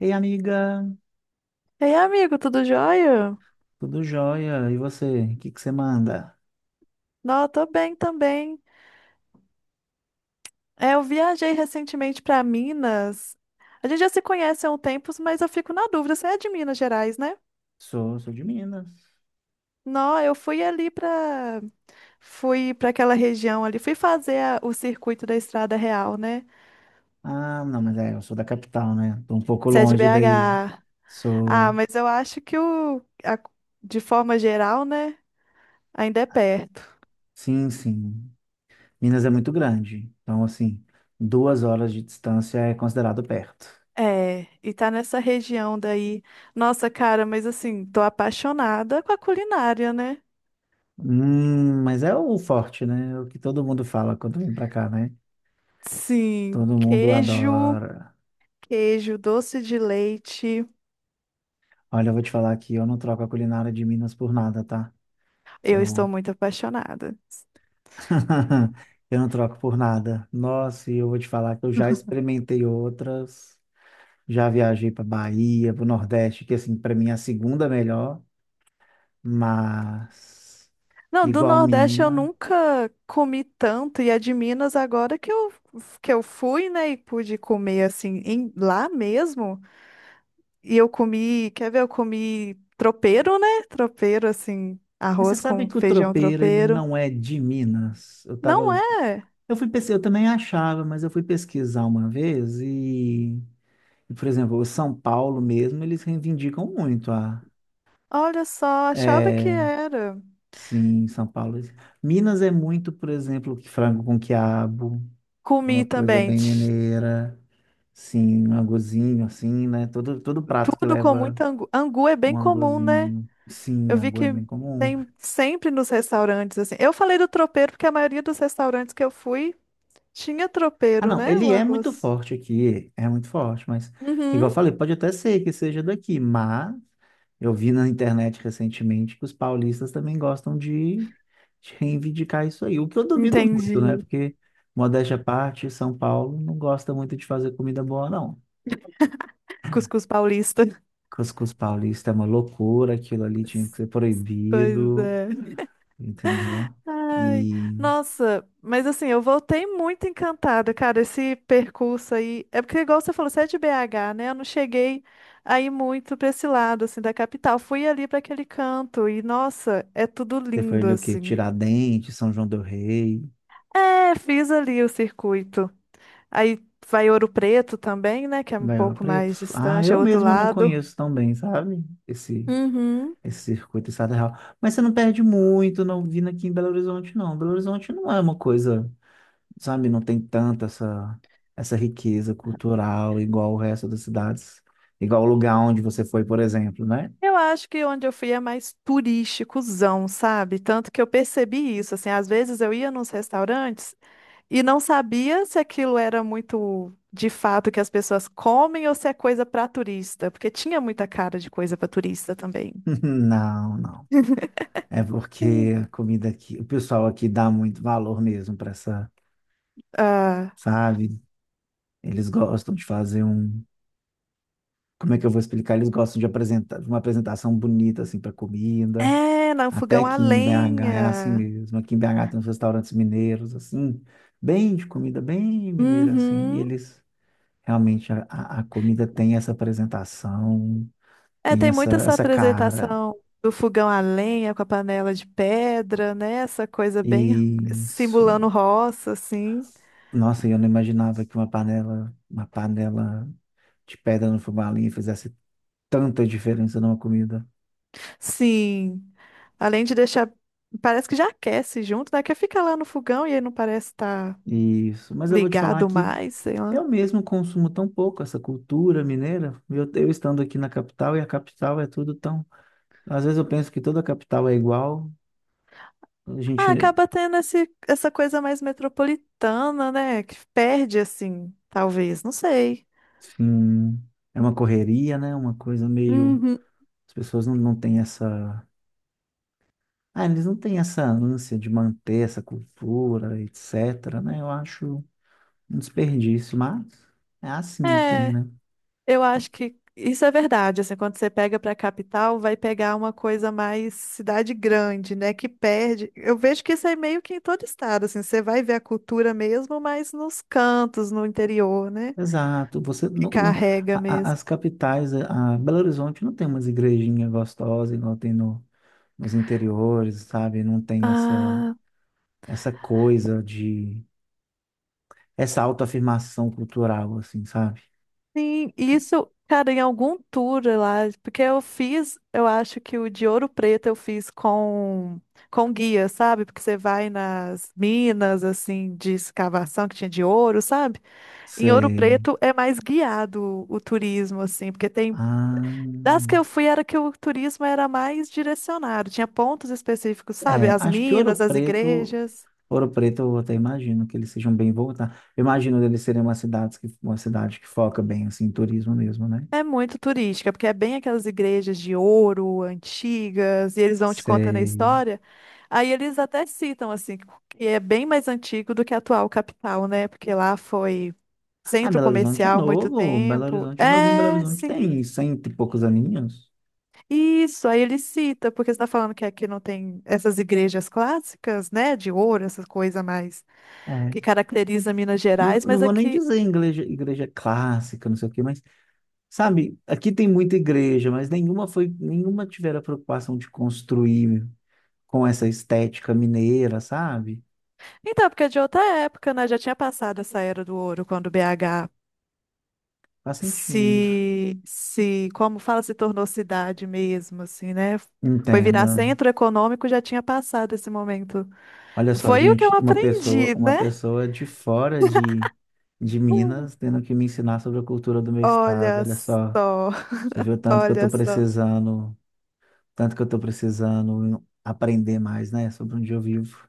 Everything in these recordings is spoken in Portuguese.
Ei, amiga, Ei, amigo, tudo jóia? tudo jóia? E você? O que que você manda? Não, tô bem também. É, eu viajei recentemente pra Minas. A gente já se conhece há um tempo, mas eu fico na dúvida, você é de Minas Gerais, né? Sou de Minas. Não, eu fui ali pra. Fui pra aquela região ali, fui fazer o circuito da Estrada Real, né? Ah, não, mas é, eu sou da capital, né? Tô um pouco Você é de longe daí. BH. Ah, Sou, mas eu acho que a- de forma geral, né, ainda é perto. sim, sim. Minas é muito grande, então assim, 2 horas de distância é considerado perto. É, e tá nessa região daí. Nossa, cara, mas assim, tô apaixonada com a culinária, né? Mas é o forte, né? É o que todo mundo fala quando vem pra cá, né? Sim, Todo mundo queijo, adora. queijo, doce de leite. Olha, eu vou te falar que eu não troco a culinária de Minas por nada, tá? Eu estou Eu muito apaixonada. Eu não troco por nada. Nossa, e eu vou te falar que eu já experimentei outras. Já viajei para Bahia, para o Nordeste, que assim, para mim é a segunda melhor, mas Não, do igual Nordeste eu Minas. nunca comi tanto, e é de Minas agora que eu fui, né, e pude comer assim, lá mesmo. E eu comi, quer ver, eu comi tropeiro, né? Tropeiro, assim, Mas você arroz sabe com que o feijão tropeiro, ele tropeiro. não é de Minas. Não é? Eu fui pesquisar, eu também achava, mas eu fui pesquisar uma vez e, por exemplo, o São Paulo mesmo, eles reivindicam muito a, Olha só, achava que eh, era. sim, São Paulo. Minas é muito, por exemplo, que frango com quiabo, é Comi uma coisa também. bem mineira. Sim, um angozinho, assim, né? Todo prato que Tudo com leva muita angu. Angu é um bem comum, né? angozinho. Sim, Eu vi angu é que bem comum. tem sempre nos restaurantes, assim. Eu falei do tropeiro porque a maioria dos restaurantes que eu fui tinha Ah, tropeiro, não, né? O ele é muito arroz. forte aqui, é muito forte, mas, Uhum. igual eu falei, pode até ser que seja daqui, mas eu vi na internet recentemente que os paulistas também gostam de reivindicar isso aí, o que eu duvido muito, né? Entendi. Porque, modéstia à parte, São Paulo não gosta muito de fazer comida boa, não. Cuscuz paulista. Cuscuz paulista é uma loucura, aquilo ali tinha que ser Pois proibido, é. entendeu? Ai, E nossa, mas assim, eu voltei muito encantada, cara, esse percurso aí. É porque, igual você falou, você é de BH, né? Eu não cheguei aí muito pra esse lado, assim, da capital. Fui ali pra aquele canto e, nossa, é tudo você foi lindo, ali o quê? assim. Tiradentes, São João do Rei. É, fiz ali o circuito. Aí vai Ouro Preto também, né? Que é um Belo pouco Preto. mais Ah, distante, é eu outro mesmo não lado. conheço tão bem, sabe? Esse, Uhum. esse circuito estadual. Mas você não perde muito não vindo aqui em Belo Horizonte, não. Belo Horizonte não é uma coisa, sabe? Não tem tanta essa riqueza cultural igual o resto das cidades. Igual o lugar onde você foi, por exemplo, né? Eu acho que onde eu fui é mais turísticozão, sabe? Tanto que eu percebi isso, assim, às vezes eu ia nos restaurantes e não sabia se aquilo era muito de fato que as pessoas comem ou se é coisa para turista, porque tinha muita cara de coisa para turista também. Não, não. É porque a comida aqui, o pessoal aqui dá muito valor mesmo para essa, Ah, sabe? Eles gostam de fazer um, como é que eu vou explicar? Eles gostam de apresentar, de uma apresentação bonita assim para comida. é, não, Até fogão a que em BH é assim lenha. mesmo. Aqui em BH tem uns restaurantes mineiros assim, bem de comida bem mineira assim. E Uhum. eles realmente a comida tem essa apresentação, É, tem tem muito essa essa essa cara. apresentação do fogão a lenha com a panela de pedra, né? Essa coisa bem simulando Isso. roça, assim. Nossa, eu não imaginava que uma panela de pedra no fubá ali fizesse tanta diferença numa comida. Sim. Além de deixar. Parece que já aquece junto, né? Que fica lá no fogão e aí não parece estar Isso. Mas eu vou te falar ligado que mais, sei lá. eu mesmo consumo tão pouco essa cultura mineira. Eu estando aqui na capital e a capital é tudo tão. Às vezes eu penso que toda a capital é igual. A Ah, gente, acaba tendo essa coisa mais metropolitana, né? Que perde, assim, talvez, não sei. sim, é uma correria, né? Uma coisa meio. Uhum. As pessoas não têm essa. Ah, eles não têm essa ânsia de manter essa cultura, etc, né? Eu acho um desperdício, mas é assim aqui, É. né? Eu acho que isso é verdade. Assim, quando você pega para a capital, vai pegar uma coisa mais cidade grande, né? Que perde. Eu vejo que isso é meio que em todo estado. Assim, você vai ver a cultura mesmo, mas nos cantos, no interior, né? Exato. Você Que carrega mesmo. as capitais, a Belo Horizonte não tem umas igrejinhas gostosas igual tem nos interiores, sabe? Não tem essa Ah, essa coisa de essa autoafirmação cultural assim, sabe? sim. Isso, cara, em algum tour lá, porque eu fiz, eu acho que o de Ouro Preto eu fiz com guia, sabe? Porque você vai nas minas assim de escavação que tinha de ouro, sabe? Em Ouro Sei. Preto é mais guiado o turismo, assim, porque tem. Das que eu Ah, fui era que o turismo era mais direcionado, tinha pontos específicos, sabe? é, As acho que Ouro minas, as Preto, igrejas. Ouro Preto eu até imagino que eles sejam bem voltados. Eu imagino eles serem uma cidade que foca bem assim em turismo mesmo, né? É muito turística, porque é bem aquelas igrejas de ouro, antigas, e eles vão te contando a Sei. história. Aí eles até citam, assim, que é bem mais antigo do que a atual capital, né? Porque lá foi Ah, centro Belo Horizonte é comercial muito novo. Belo tempo. Horizonte é novo. Em Belo É, Horizonte sim. tem cento e poucos aninhos. Isso, aí ele cita, porque você está falando que aqui não tem essas igrejas clássicas, né, de ouro, essas coisas mais É. que caracteriza Minas Gerais, Não mas vou nem aqui. dizer igreja, igreja clássica, não sei o quê, mas, sabe, aqui tem muita igreja, mas nenhuma tiveram a preocupação de construir com essa estética mineira, sabe? Então, é porque é de outra época, né? Já tinha passado essa era do ouro, quando BH Faz sentido. se, se, como fala, se tornou cidade mesmo, assim, né? Foi virar Entenda. centro econômico, já tinha passado esse momento. Olha só, Foi o que eu gente, uma pessoa, aprendi, uma né? pessoa de fora de Minas tendo que me ensinar sobre a cultura do meu estado. Olha Olha só, só, você viu o tanto que eu tô olha só. precisando tanto que eu tô precisando aprender mais, né, sobre onde eu vivo.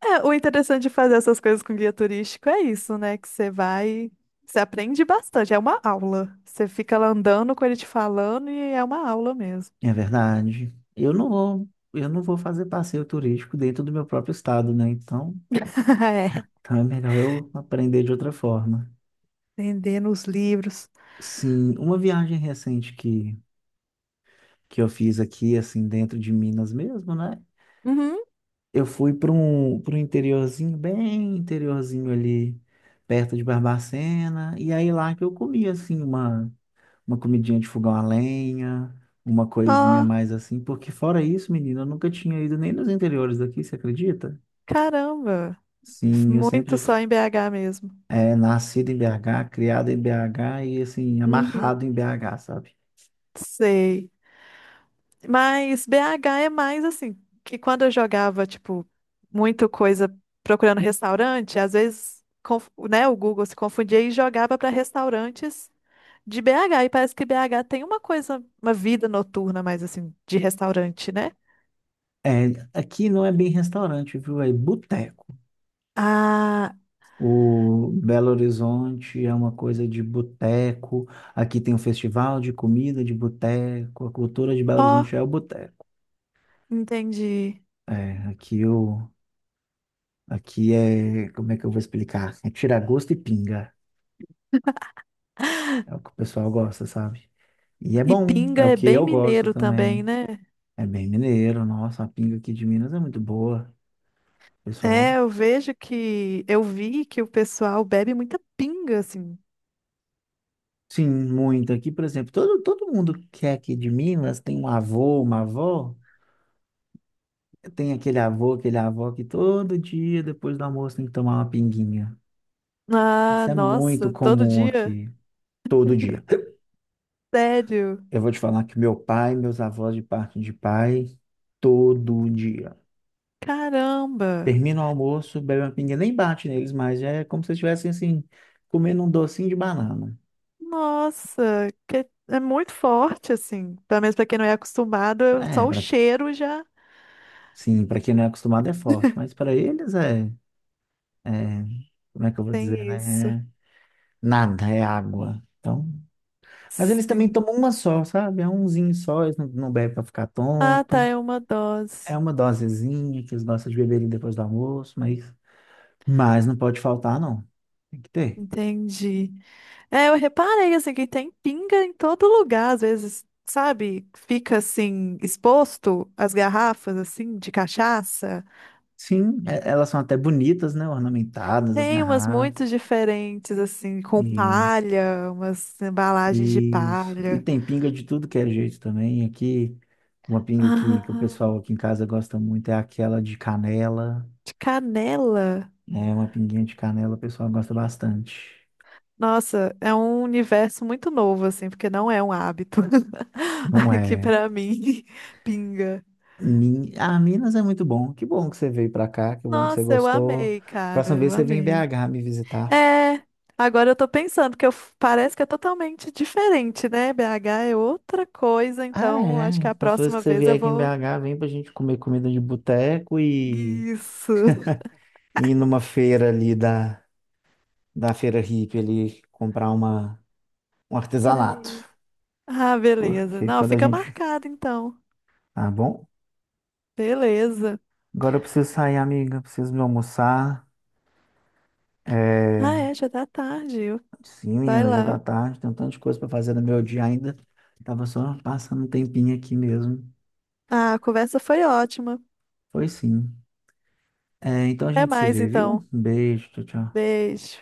É, o interessante de fazer essas coisas com guia turístico é isso, né? Que você vai, você aprende bastante, é uma aula. Você fica lá andando com ele te falando e é uma aula mesmo. É verdade. Eu não vou fazer passeio turístico dentro do meu próprio estado, né? Então, É, então é melhor eu aprender de outra forma. vendendo os livros. Sim, uma viagem recente que eu fiz aqui, assim, dentro de Minas mesmo, né? Uhum. Eu fui para um interiorzinho, bem interiorzinho ali, perto de Barbacena, e aí lá que eu comi, assim, uma comidinha de fogão a lenha, uma coisinha a Ó, mais assim, porque fora isso, menina, eu nunca tinha ido nem nos interiores daqui, você acredita? caramba. Sim, eu sempre Muito só em BH mesmo. é nascido em BH, criado em BH e assim, Uhum. amarrado em BH, sabe? Sei. Mas BH é mais assim, que quando eu jogava, tipo, muito coisa procurando restaurante, às vezes, né, o Google se confundia e jogava para restaurantes de BH, e parece que BH tem uma coisa, uma vida noturna mais assim, de restaurante, né? É, aqui não é bem restaurante, viu? É boteco. Ah, O Belo Horizonte é uma coisa de boteco. Aqui tem um festival de comida de boteco. A cultura de Belo ó, Horizonte é o boteco. entendi. É, aqui é, como é que eu vou explicar? É tira gosto e pinga. É o que o pessoal gosta, sabe? E é E bom, é pinga o é que bem eu gosto mineiro também, também. né? É bem mineiro, nossa, a pinga aqui de Minas é muito boa, É, pessoal. eu vejo eu vi que o pessoal bebe muita pinga, assim. Sim, muito. Aqui, por exemplo, todo mundo que é aqui de Minas tem um avô, uma avó. Tem aquele avô, aquele avó que todo dia, depois do almoço, tem que tomar uma pinguinha. Ah, Isso é muito nossa, todo comum dia? aqui, todo dia. Sério? Eu vou te falar que meu pai, meus avós de parte de pai, todo dia. Caramba! Termina o almoço, bebe uma pinga, nem bate neles mais, já é como se estivessem assim, comendo um docinho de banana. Nossa, que é muito forte, assim. Pelo menos pra quem não é acostumado, É, só o pra, cheiro já sim, para quem não é acostumado é forte, mas para eles é, como é que eu vou tem dizer, isso. né? É nada, é água. Então, mas eles também Sim. tomam uma só, sabe? É umzinho só, eles não bebem para ficar Ah, tá, tonto. é uma É dose. uma dosezinha que eles gostam de beberem depois do almoço, mas não pode faltar, não. Tem que ter. Entendi. É, eu reparei assim que tem pinga em todo lugar, às vezes, sabe? Fica assim exposto as garrafas assim de cachaça. Sim, elas são até bonitas, né? Ornamentadas, as Tem umas garrafas. muito diferentes assim, com E palha, umas embalagens de Isso. E palha. tem pinga de tudo que é jeito também. Aqui, uma pinga que o Ah, pessoal aqui em casa gosta muito é aquela de canela, de canela. né? Uma pinguinha de canela o pessoal gosta bastante. Nossa, é um universo muito novo assim, porque não é um hábito Não aqui é? pra mim, pinga. Ah, Minas é muito bom. Que bom que você veio pra cá, que bom que você Nossa, eu gostou. amei, cara, Próxima vez eu você vem em amei. BH me visitar. É, agora eu tô pensando que eu, parece que é totalmente diferente, né? BH é outra coisa, Ah, então acho que é. a Próxima vez próxima que você vez vier eu aqui em vou. BH, vem pra gente comer comida de boteco e Isso. e ir numa feira ali da feira hippie ali comprar um artesanato. Peraí. Ah, beleza. Porque Não, quando a fica gente. marcado então. Tá bom? Beleza. Agora eu preciso sair, amiga. Preciso me almoçar. Ah, É... é, já tá tarde. Sim, Vai menina, já lá. tá tarde. Tem um tanto de coisa pra fazer no meu dia ainda. Tava só passando um tempinho aqui mesmo. Ah, a conversa foi ótima. Foi sim. É, então a Até gente se mais vê, viu? então. Um beijo, tchau, tchau. Beijo.